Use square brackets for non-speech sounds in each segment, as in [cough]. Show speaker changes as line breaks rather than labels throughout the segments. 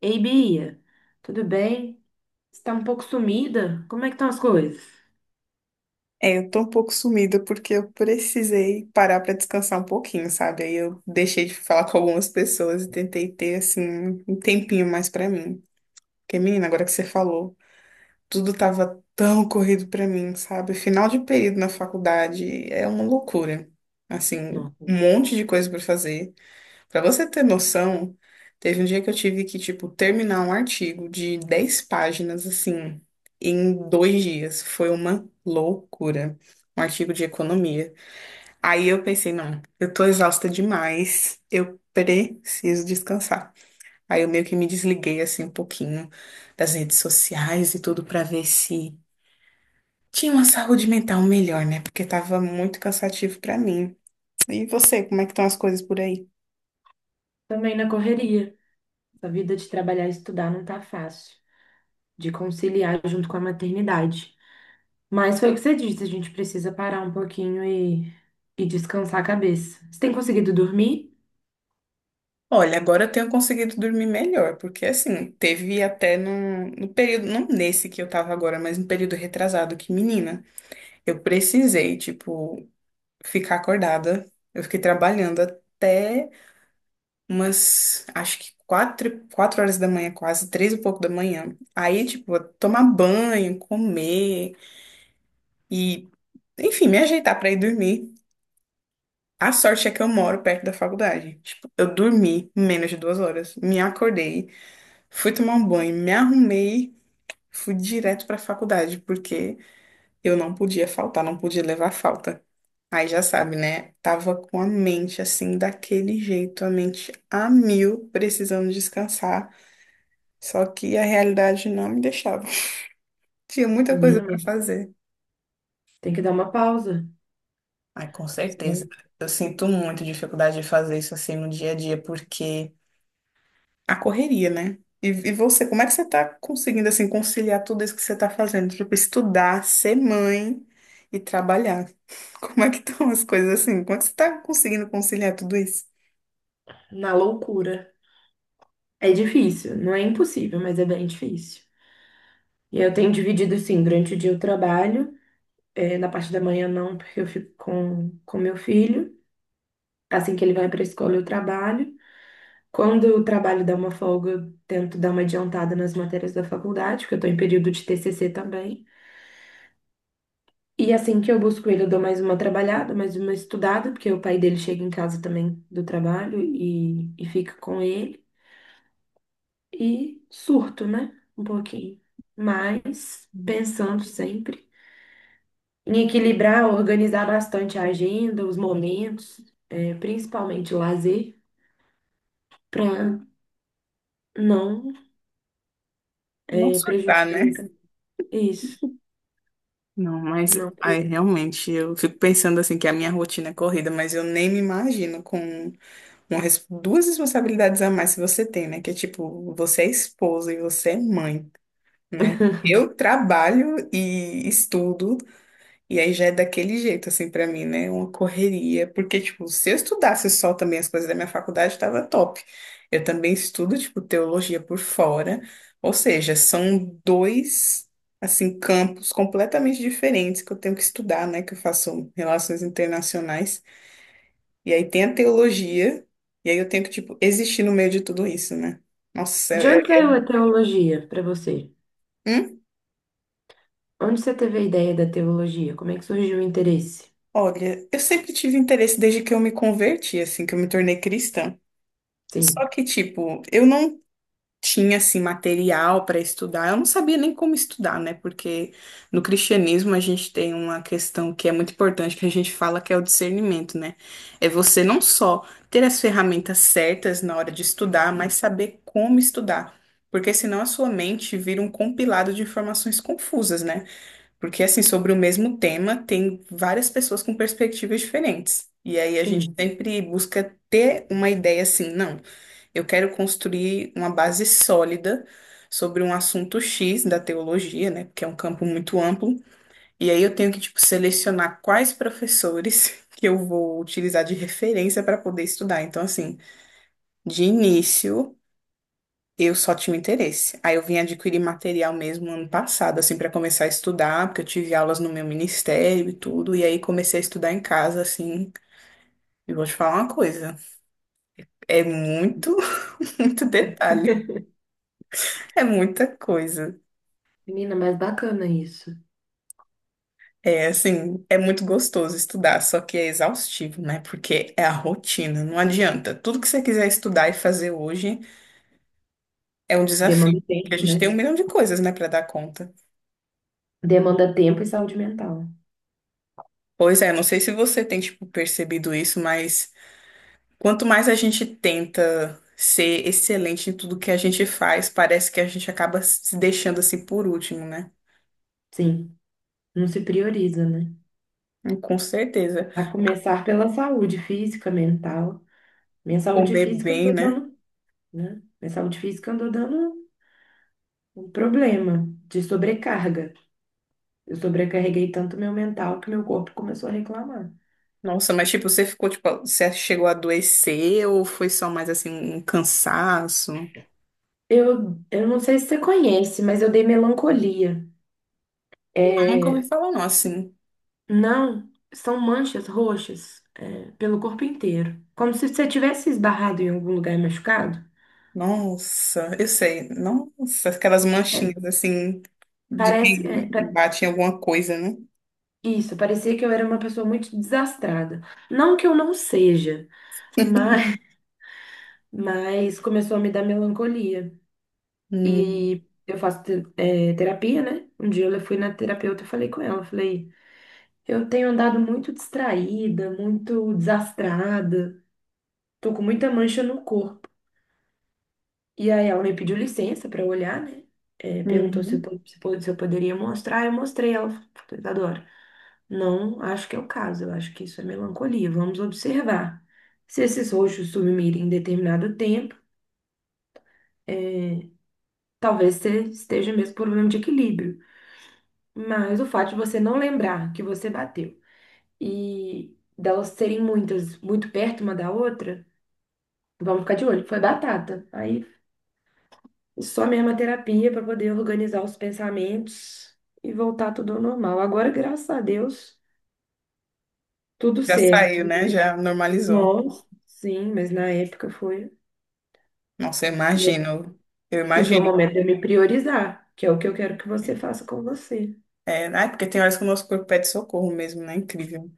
Ei, Bia, tudo bem? Você tá um pouco sumida? Como é que estão as coisas?
É, eu tô um pouco sumida porque eu precisei parar pra descansar um pouquinho, sabe? Aí eu deixei de falar com algumas pessoas e tentei ter, assim, um tempinho mais pra mim. Porque, menina, agora que você falou, tudo tava tão corrido pra mim, sabe? Final de período na faculdade é uma loucura. Assim,
Nossa,
um monte de coisa pra fazer. Pra você ter noção, teve um dia que eu tive que, tipo, terminar um artigo de 10 páginas, assim, em 2 dias. Foi uma loucura. Um artigo de economia. Aí eu pensei, não, eu tô exausta demais, eu preciso descansar. Aí eu meio que me desliguei, assim, um pouquinho das redes sociais e tudo pra ver se tinha uma saúde mental melhor, né? Porque tava muito cansativo pra mim. E você, como é que estão as coisas por aí?
também na correria. A vida de trabalhar e estudar não tá fácil, de conciliar junto com a maternidade. Mas foi o que você disse, a gente precisa parar um pouquinho e descansar a cabeça. Você tem conseguido dormir?
Olha, agora eu tenho conseguido dormir melhor, porque assim, teve até no período, não nesse que eu tava agora, mas no período retrasado, que menina, eu precisei, tipo, ficar acordada. Eu fiquei trabalhando até umas, acho que quatro horas da manhã, quase, três e pouco da manhã. Aí, tipo, tomar banho, comer e, enfim, me ajeitar pra ir dormir. A sorte é que eu moro perto da faculdade. Tipo, eu dormi menos de 2 horas, me acordei. Fui tomar um banho, me arrumei, fui direto para a faculdade, porque eu não podia faltar, não podia levar falta. Aí já sabe, né? Tava com a mente assim, daquele jeito, a mente a mil, precisando descansar. Só que a realidade não me deixava. [laughs] Tinha muita coisa
Menina,
para
mas
fazer.
tem que dar uma pausa,
Ai, com certeza.
senão
Eu sinto muito dificuldade de fazer isso assim no dia a dia, porque. A correria, né? E você, como é que você tá conseguindo, assim, conciliar tudo isso que você tá fazendo? Tipo, estudar, ser mãe e trabalhar. [laughs] Como é que estão as coisas assim? Como é que você tá conseguindo conciliar tudo isso?
na loucura. É difícil, não é impossível, mas é bem difícil. E eu tenho dividido assim, durante o dia eu trabalho. É, na parte da manhã não, porque eu fico com meu filho. Assim que ele vai para a escola, eu trabalho. Quando o trabalho dá uma folga, eu tento dar uma adiantada nas matérias da faculdade, porque eu estou em período de TCC também. E assim que eu busco ele, eu dou mais uma trabalhada, mais uma estudada, porque o pai dele chega em casa também do trabalho e fica com ele. E surto, né? Um pouquinho. Mas pensando sempre. Em equilibrar, organizar bastante a agenda, os momentos, é, principalmente o lazer, para não
Não
é,
surtar,
prejudicar
né?
minha caminho. Isso,
Não, mas
não
aí
prejudicar.
realmente eu fico pensando assim que a minha rotina é corrida, mas eu nem me imagino com duas responsabilidades a mais que você tem, né? Que é tipo, você é esposa e você é mãe, né? Eu trabalho e estudo. E aí já é daquele jeito, assim, pra mim, né? Uma correria. Porque, tipo, se eu estudasse só também as coisas da minha faculdade, tava top. Eu também estudo, tipo, teologia por fora. Ou seja, são dois, assim, campos completamente diferentes que eu tenho que estudar, né? Que eu faço relações internacionais. E aí tem a teologia. E aí eu tenho que, tipo, existir no meio de tudo isso, né? Nossa,
De onde saiu a teologia para você?
hum?
Onde você teve a ideia da teologia? Como é que surgiu o interesse?
Olha, eu sempre tive interesse desde que eu me converti, assim, que eu me tornei cristã. Só
Sim,
que, tipo, eu não tinha assim material para estudar. Eu não sabia nem como estudar, né? Porque no cristianismo a gente tem uma questão que é muito importante que a gente fala que é o discernimento, né? É você não só ter as ferramentas certas na hora de estudar, mas saber como estudar. Porque senão a sua mente vira um compilado de informações confusas, né? Porque assim, sobre o mesmo tema, tem várias pessoas com perspectivas diferentes. E aí a gente
sim.
sempre busca ter uma ideia assim, não. Eu quero construir uma base sólida sobre um assunto X da teologia, né? Porque é um campo muito amplo. E aí eu tenho que, tipo, selecionar quais professores [laughs] que eu vou utilizar de referência para poder estudar. Então, assim, de início, eu só tinha interesse. Aí eu vim adquirir material mesmo ano passado, assim, para começar a estudar, porque eu tive aulas no meu ministério e tudo. E aí comecei a estudar em casa, assim. E vou te falar uma coisa, é muito, [laughs] muito detalhe, é muita coisa.
Menina, mas bacana isso.
É assim, é muito gostoso estudar, só que é exaustivo, né? Porque é a rotina, não adianta. Tudo que você quiser estudar e fazer hoje é um desafio,
Demanda
porque a
tempo,
gente tem
né?
um milhão de coisas, né, para dar conta.
Demanda tempo e saúde mental.
Pois é, não sei se você tem, tipo, percebido isso, mas quanto mais a gente tenta ser excelente em tudo que a gente faz, parece que a gente acaba se deixando assim por último, né?
Sim, não se prioriza, né?
E com certeza.
A começar pela saúde física, mental. Minha saúde
Comer
física eu não
bem,
tô
né?
dando, né? Minha saúde física andou dando um problema de sobrecarga. Eu sobrecarreguei tanto meu mental que meu corpo começou a reclamar.
Nossa, mas tipo, você ficou, tipo, você chegou a adoecer ou foi só mais assim um cansaço?
Eu não sei se você conhece, mas eu dei melancolia.
Ah, nunca ouvi
É,
falar, não, assim.
não, são manchas roxas, é, pelo corpo inteiro. Como se você tivesse esbarrado em algum lugar machucado.
Nossa, eu sei. Nossa, aquelas
É,
manchinhas assim de
parece,
que
é,
bate em alguma coisa, né?
isso, parecia que eu era uma pessoa muito desastrada. Não que eu não seja, mas, mas começou a me dar melancolia.
Hum.
E eu faço terapia, né? Um dia eu fui na terapeuta e falei com ela, eu falei, eu tenho andado muito distraída, muito desastrada, tô com muita mancha no corpo. E aí ela me pediu licença pra olhar, né? Perguntou se eu,
Uhum.
se eu poderia mostrar, eu mostrei, ela falou, Isadora, não acho que é o caso, eu acho que isso é melancolia, vamos observar. Se esses roxos sumirem em determinado tempo, é, talvez você esteja mesmo com problema de equilíbrio. Mas o fato de você não lembrar que você bateu e delas serem muitas, muito perto uma da outra, vamos ficar de olho, foi batata. Aí só mesmo a terapia para poder organizar os pensamentos e voltar tudo ao normal. Agora, graças a Deus, tudo
Já
certo.
saiu, né?
Mas,
Já normalizou.
nossa, sim, mas na época foi.
Nossa, eu
E
imagino. Eu
e foi o
imagino.
momento de eu me priorizar, que é o que eu quero que você faça com você.
É, né? Porque tem horas que o nosso corpo pede socorro mesmo, né? Incrível.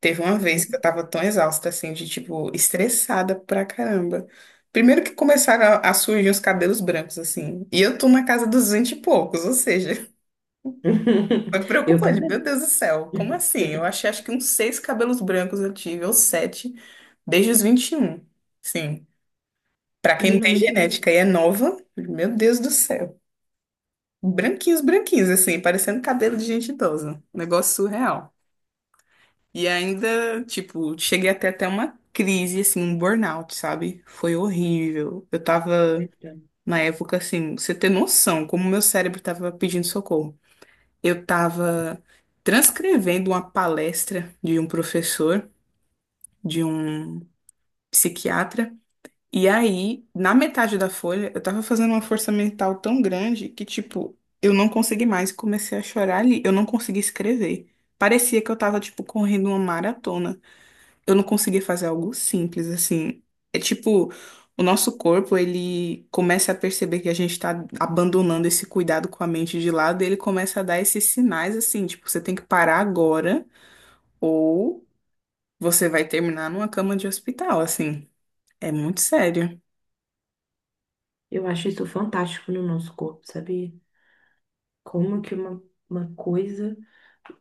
Teve uma vez que eu
Né?
tava tão exausta, assim, de tipo, estressada pra caramba. Primeiro que começaram a surgir os cabelos brancos, assim. E eu tô na casa dos 20 e poucos, ou seja, [laughs]
[laughs]
foi
Eu
preocupante. Meu
também.
Deus do céu, como assim? Eu achei, acho que uns seis cabelos brancos eu tive, ou sete, desde os 21. Sim. Pra quem não
Menina,
tem genética e é nova, meu Deus do céu. Branquinhos, branquinhos, assim, parecendo cabelo de gente idosa. Negócio surreal. E ainda, tipo, cheguei até uma crise, assim, um burnout, sabe? Foi horrível. Eu tava,
muito.
na época, assim, pra você ter noção, como meu cérebro tava pedindo socorro. Eu tava transcrevendo uma palestra de um professor, de um psiquiatra, e aí, na metade da folha, eu tava fazendo uma força mental tão grande que, tipo, eu não consegui mais, e comecei a chorar ali, eu não consegui escrever. Parecia que eu tava, tipo, correndo uma maratona. Eu não conseguia fazer algo simples, assim. É tipo, o nosso corpo, ele começa a perceber que a gente tá abandonando esse cuidado com a mente de lado, e ele começa a dar esses sinais, assim, tipo, você tem que parar agora, ou você vai terminar numa cama de hospital, assim. É muito sério.
Eu acho isso fantástico no nosso corpo, sabe? Como que uma coisa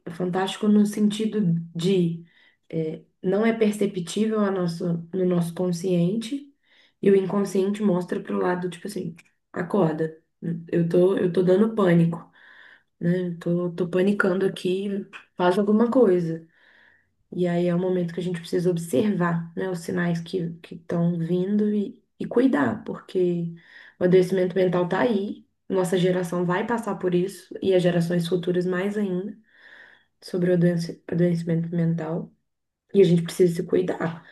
é fantástico no sentido de é, não é perceptível no nosso consciente e o inconsciente mostra pro lado, tipo assim, acorda, eu tô dando pânico, né? Eu tô panicando aqui, faz alguma coisa. E aí é o momento que a gente precisa observar, né, os sinais que estão vindo e cuidar, porque o adoecimento mental tá aí, nossa geração vai passar por isso e as gerações futuras mais ainda sobre o adoecimento mental e a gente precisa se cuidar.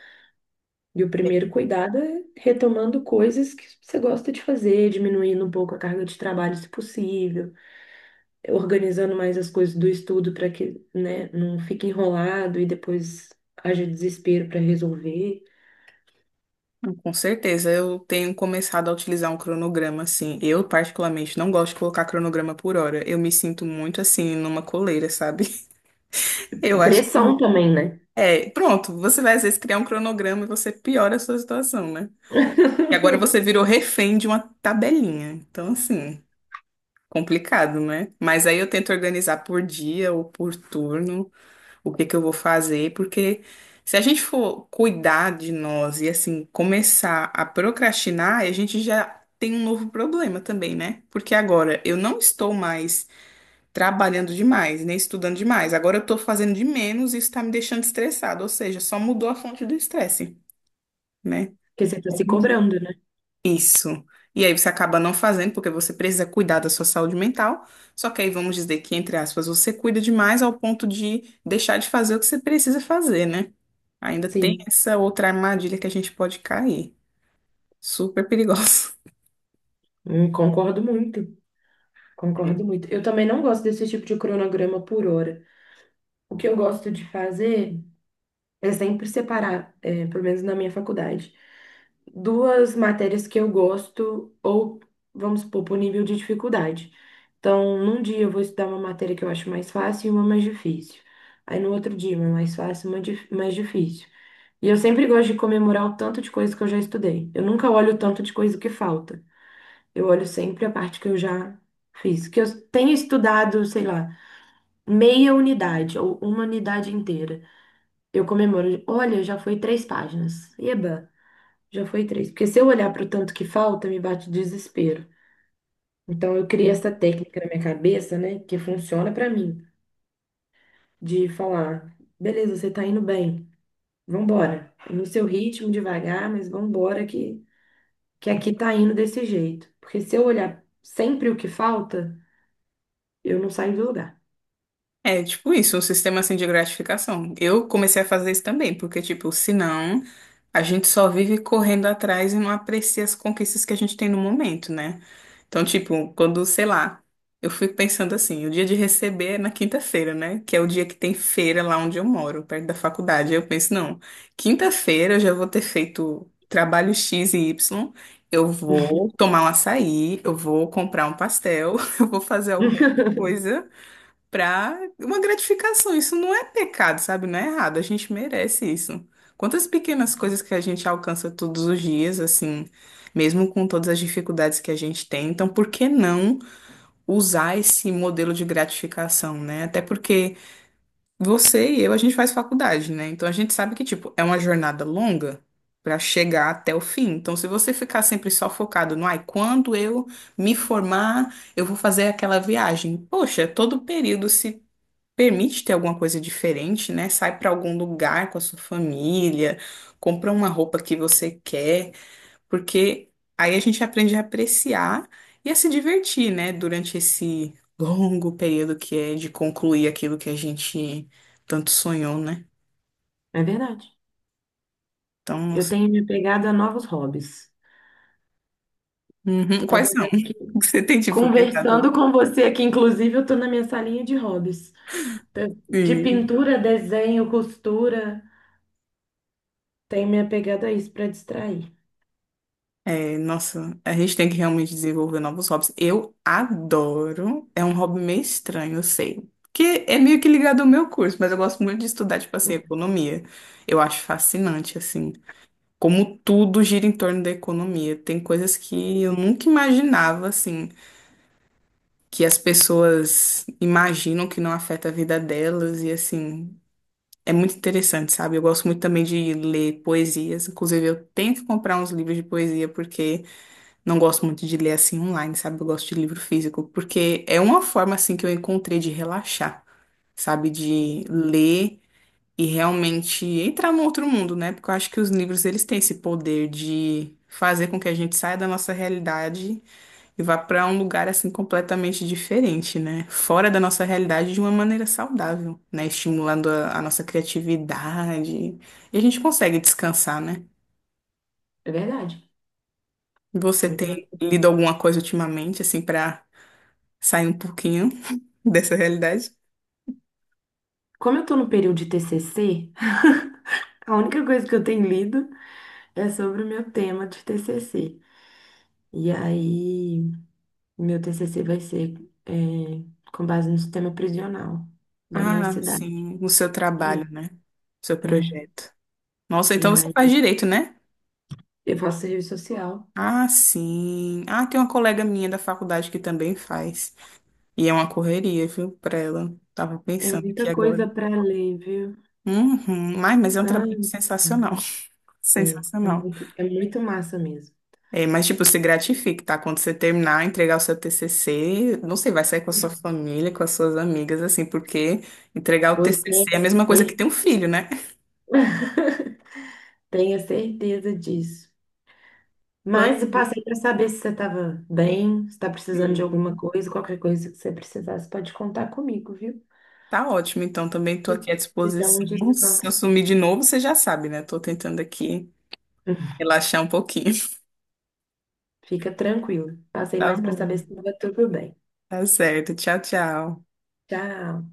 E o primeiro cuidado é retomando coisas que você gosta de fazer, diminuindo um pouco a carga de trabalho se possível, organizando mais as coisas do estudo para que, né, não fique enrolado e depois haja desespero para resolver.
Com certeza, eu tenho começado a utilizar um cronograma, assim. Eu, particularmente, não gosto de colocar cronograma por hora. Eu me sinto muito, assim, numa coleira, sabe? [laughs] Eu acho que
Pressão também, né?
é, pronto, você vai às vezes criar um cronograma e você piora a sua situação, né? E agora você virou refém de uma tabelinha. Então, assim, complicado, né? Mas aí eu tento organizar por dia ou por turno o que que eu vou fazer, porque se a gente for cuidar de nós e, assim, começar a procrastinar, a gente já tem um novo problema também, né? Porque agora eu não estou mais trabalhando demais, né? Estudando demais. Agora eu tô fazendo de menos e isso tá me deixando estressado, ou seja, só mudou a fonte do estresse, né?
Porque você tá
A
se
gente-
cobrando, né?
Isso. E aí você acaba não fazendo porque você precisa cuidar da sua saúde mental. Só que aí vamos dizer que, entre aspas, você cuida demais ao ponto de deixar de fazer o que você precisa fazer, né? Ainda tem
Sim,
essa outra armadilha que a gente pode cair. Super perigosa.
concordo muito. Concordo
[laughs]
muito. Eu também não gosto desse tipo de cronograma por hora. O que eu gosto de fazer é sempre separar, é, pelo menos na minha faculdade, duas matérias que eu gosto, ou vamos supor, por nível de dificuldade. Então, num dia eu vou estudar uma matéria que eu acho mais fácil e uma mais difícil. Aí no outro dia, uma mais fácil e uma mais difícil. E eu sempre gosto de comemorar o tanto de coisa que eu já estudei. Eu nunca olho o tanto de coisa que falta. Eu olho sempre a parte que eu já fiz. Que eu tenho estudado, sei lá, meia unidade ou uma unidade inteira. Eu comemoro. Olha, já foi três páginas. Eba, já foi três. Porque se eu olhar para o tanto que falta, me bate desespero. Então eu criei essa técnica na minha cabeça, né? Que funciona para mim, de falar, beleza, você tá indo bem. Vambora. No seu ritmo, devagar, mas vambora que aqui tá indo desse jeito. Porque se eu olhar sempre o que falta, eu não saio do lugar.
É tipo isso, um sistema assim de gratificação. Eu comecei a fazer isso também, porque, tipo, senão a gente só vive correndo atrás e não aprecia as conquistas que a gente tem no momento, né? Então, tipo, quando, sei lá, eu fico pensando assim, o dia de receber é na quinta-feira, né? Que é o dia que tem feira lá onde eu moro, perto da faculdade. Aí eu penso, não, quinta-feira eu já vou ter feito trabalho X e Y, eu vou tomar um açaí, eu vou comprar um pastel, [laughs] eu vou fazer alguma
[laughs]
coisa pra uma gratificação. Isso não é pecado, sabe? Não é errado. A gente merece isso. Quantas pequenas coisas que a gente alcança todos os dias, assim, mesmo com todas as dificuldades que a gente tem. Então, por que não usar esse modelo de gratificação, né? Até porque você e eu, a gente faz faculdade, né? Então, a gente sabe que, tipo, é uma jornada longa. Pra chegar até o fim. Então, se você ficar sempre só focado no, ai, quando eu me formar, eu vou fazer aquela viagem. Poxa, todo período, se permite ter alguma coisa diferente, né? Sai para algum lugar com a sua família, compra uma roupa que você quer, porque aí a gente aprende a apreciar e a se divertir, né? Durante esse longo período que é de concluir aquilo que a gente tanto sonhou, né?
É verdade.
Então,
Eu
nossa.
tenho me pegado a novos hobbies.
Uhum.
Tava
Quais são?
olhando aqui.
[laughs] Você tem, tipo, tentado.
Conversando com você aqui, inclusive eu estou na minha salinha de hobbies. De
Sim.
pintura, desenho, costura, tenho minha pegada a isso para distrair.
É, nossa, a gente tem que realmente desenvolver novos hobbies. Eu adoro. É um hobby meio estranho, eu sei. Que é meio que ligado ao meu curso, mas eu gosto muito de estudar, tipo assim, economia. Eu acho fascinante, assim, como tudo gira em torno da economia. Tem coisas que eu nunca imaginava, assim, que as pessoas imaginam que não afeta a vida delas, e assim, é muito interessante, sabe? Eu gosto muito também de ler poesias. Inclusive, eu tenho que comprar uns livros de poesia, porque. Não gosto muito de ler assim online, sabe? Eu gosto de livro físico, porque é uma forma assim que eu encontrei de relaxar, sabe? De ler e realmente entrar num outro mundo, né? Porque eu acho que os livros eles têm esse poder de fazer com que a gente saia da nossa realidade e vá para um lugar assim completamente diferente, né? Fora da nossa realidade de uma maneira saudável, né? Estimulando a nossa criatividade. E a gente consegue descansar, né?
É verdade,
Você
muito
tem
verdade.
lido alguma coisa ultimamente assim para sair um pouquinho [laughs] dessa realidade.
Como eu estou no período de TCC, [laughs] a única coisa que eu tenho lido é sobre o meu tema de TCC. E aí, meu TCC vai ser, é, com base no sistema prisional da minha
Ah,
cidade.
sim, no seu
E,
trabalho, né? Seu
é,
projeto. Nossa,
e
então você faz
aí,
direito, né?
eu faço serviço social.
Ah, sim. Ah, tem uma colega minha da faculdade que também faz. E é uma correria, viu, pra ela. Tava
É
pensando aqui
muita
agora.
coisa para ler, viu?
Uhum. Ai, mas é um
Ah,
trabalho sensacional. [laughs]
é, é
Sensacional.
muito, é muito massa mesmo.
É, mas, tipo, se gratifique, tá? Quando você terminar, entregar o seu TCC, não sei, vai sair com a sua família, com as suas amigas, assim, porque entregar o
Pois
TCC é a mesma coisa que
cer-
ter um filho, né?
[laughs] tenha certeza disso. Mas
[laughs]
eu passei para saber se você estava bem, se está precisando de alguma
Sim.
coisa, qualquer coisa que você precisasse, pode contar comigo, viu?
Tá ótimo, então também estou
Se
aqui à
se dá um
disposição. Se eu
descanso.
sumir de novo, você já sabe, né? Estou tentando aqui
[laughs]
relaxar um pouquinho. [laughs]
Fica tranquilo. Passei
Tá
mais para saber
bom.
se estava tudo bem.
Tá certo. Tchau, tchau.
Tchau.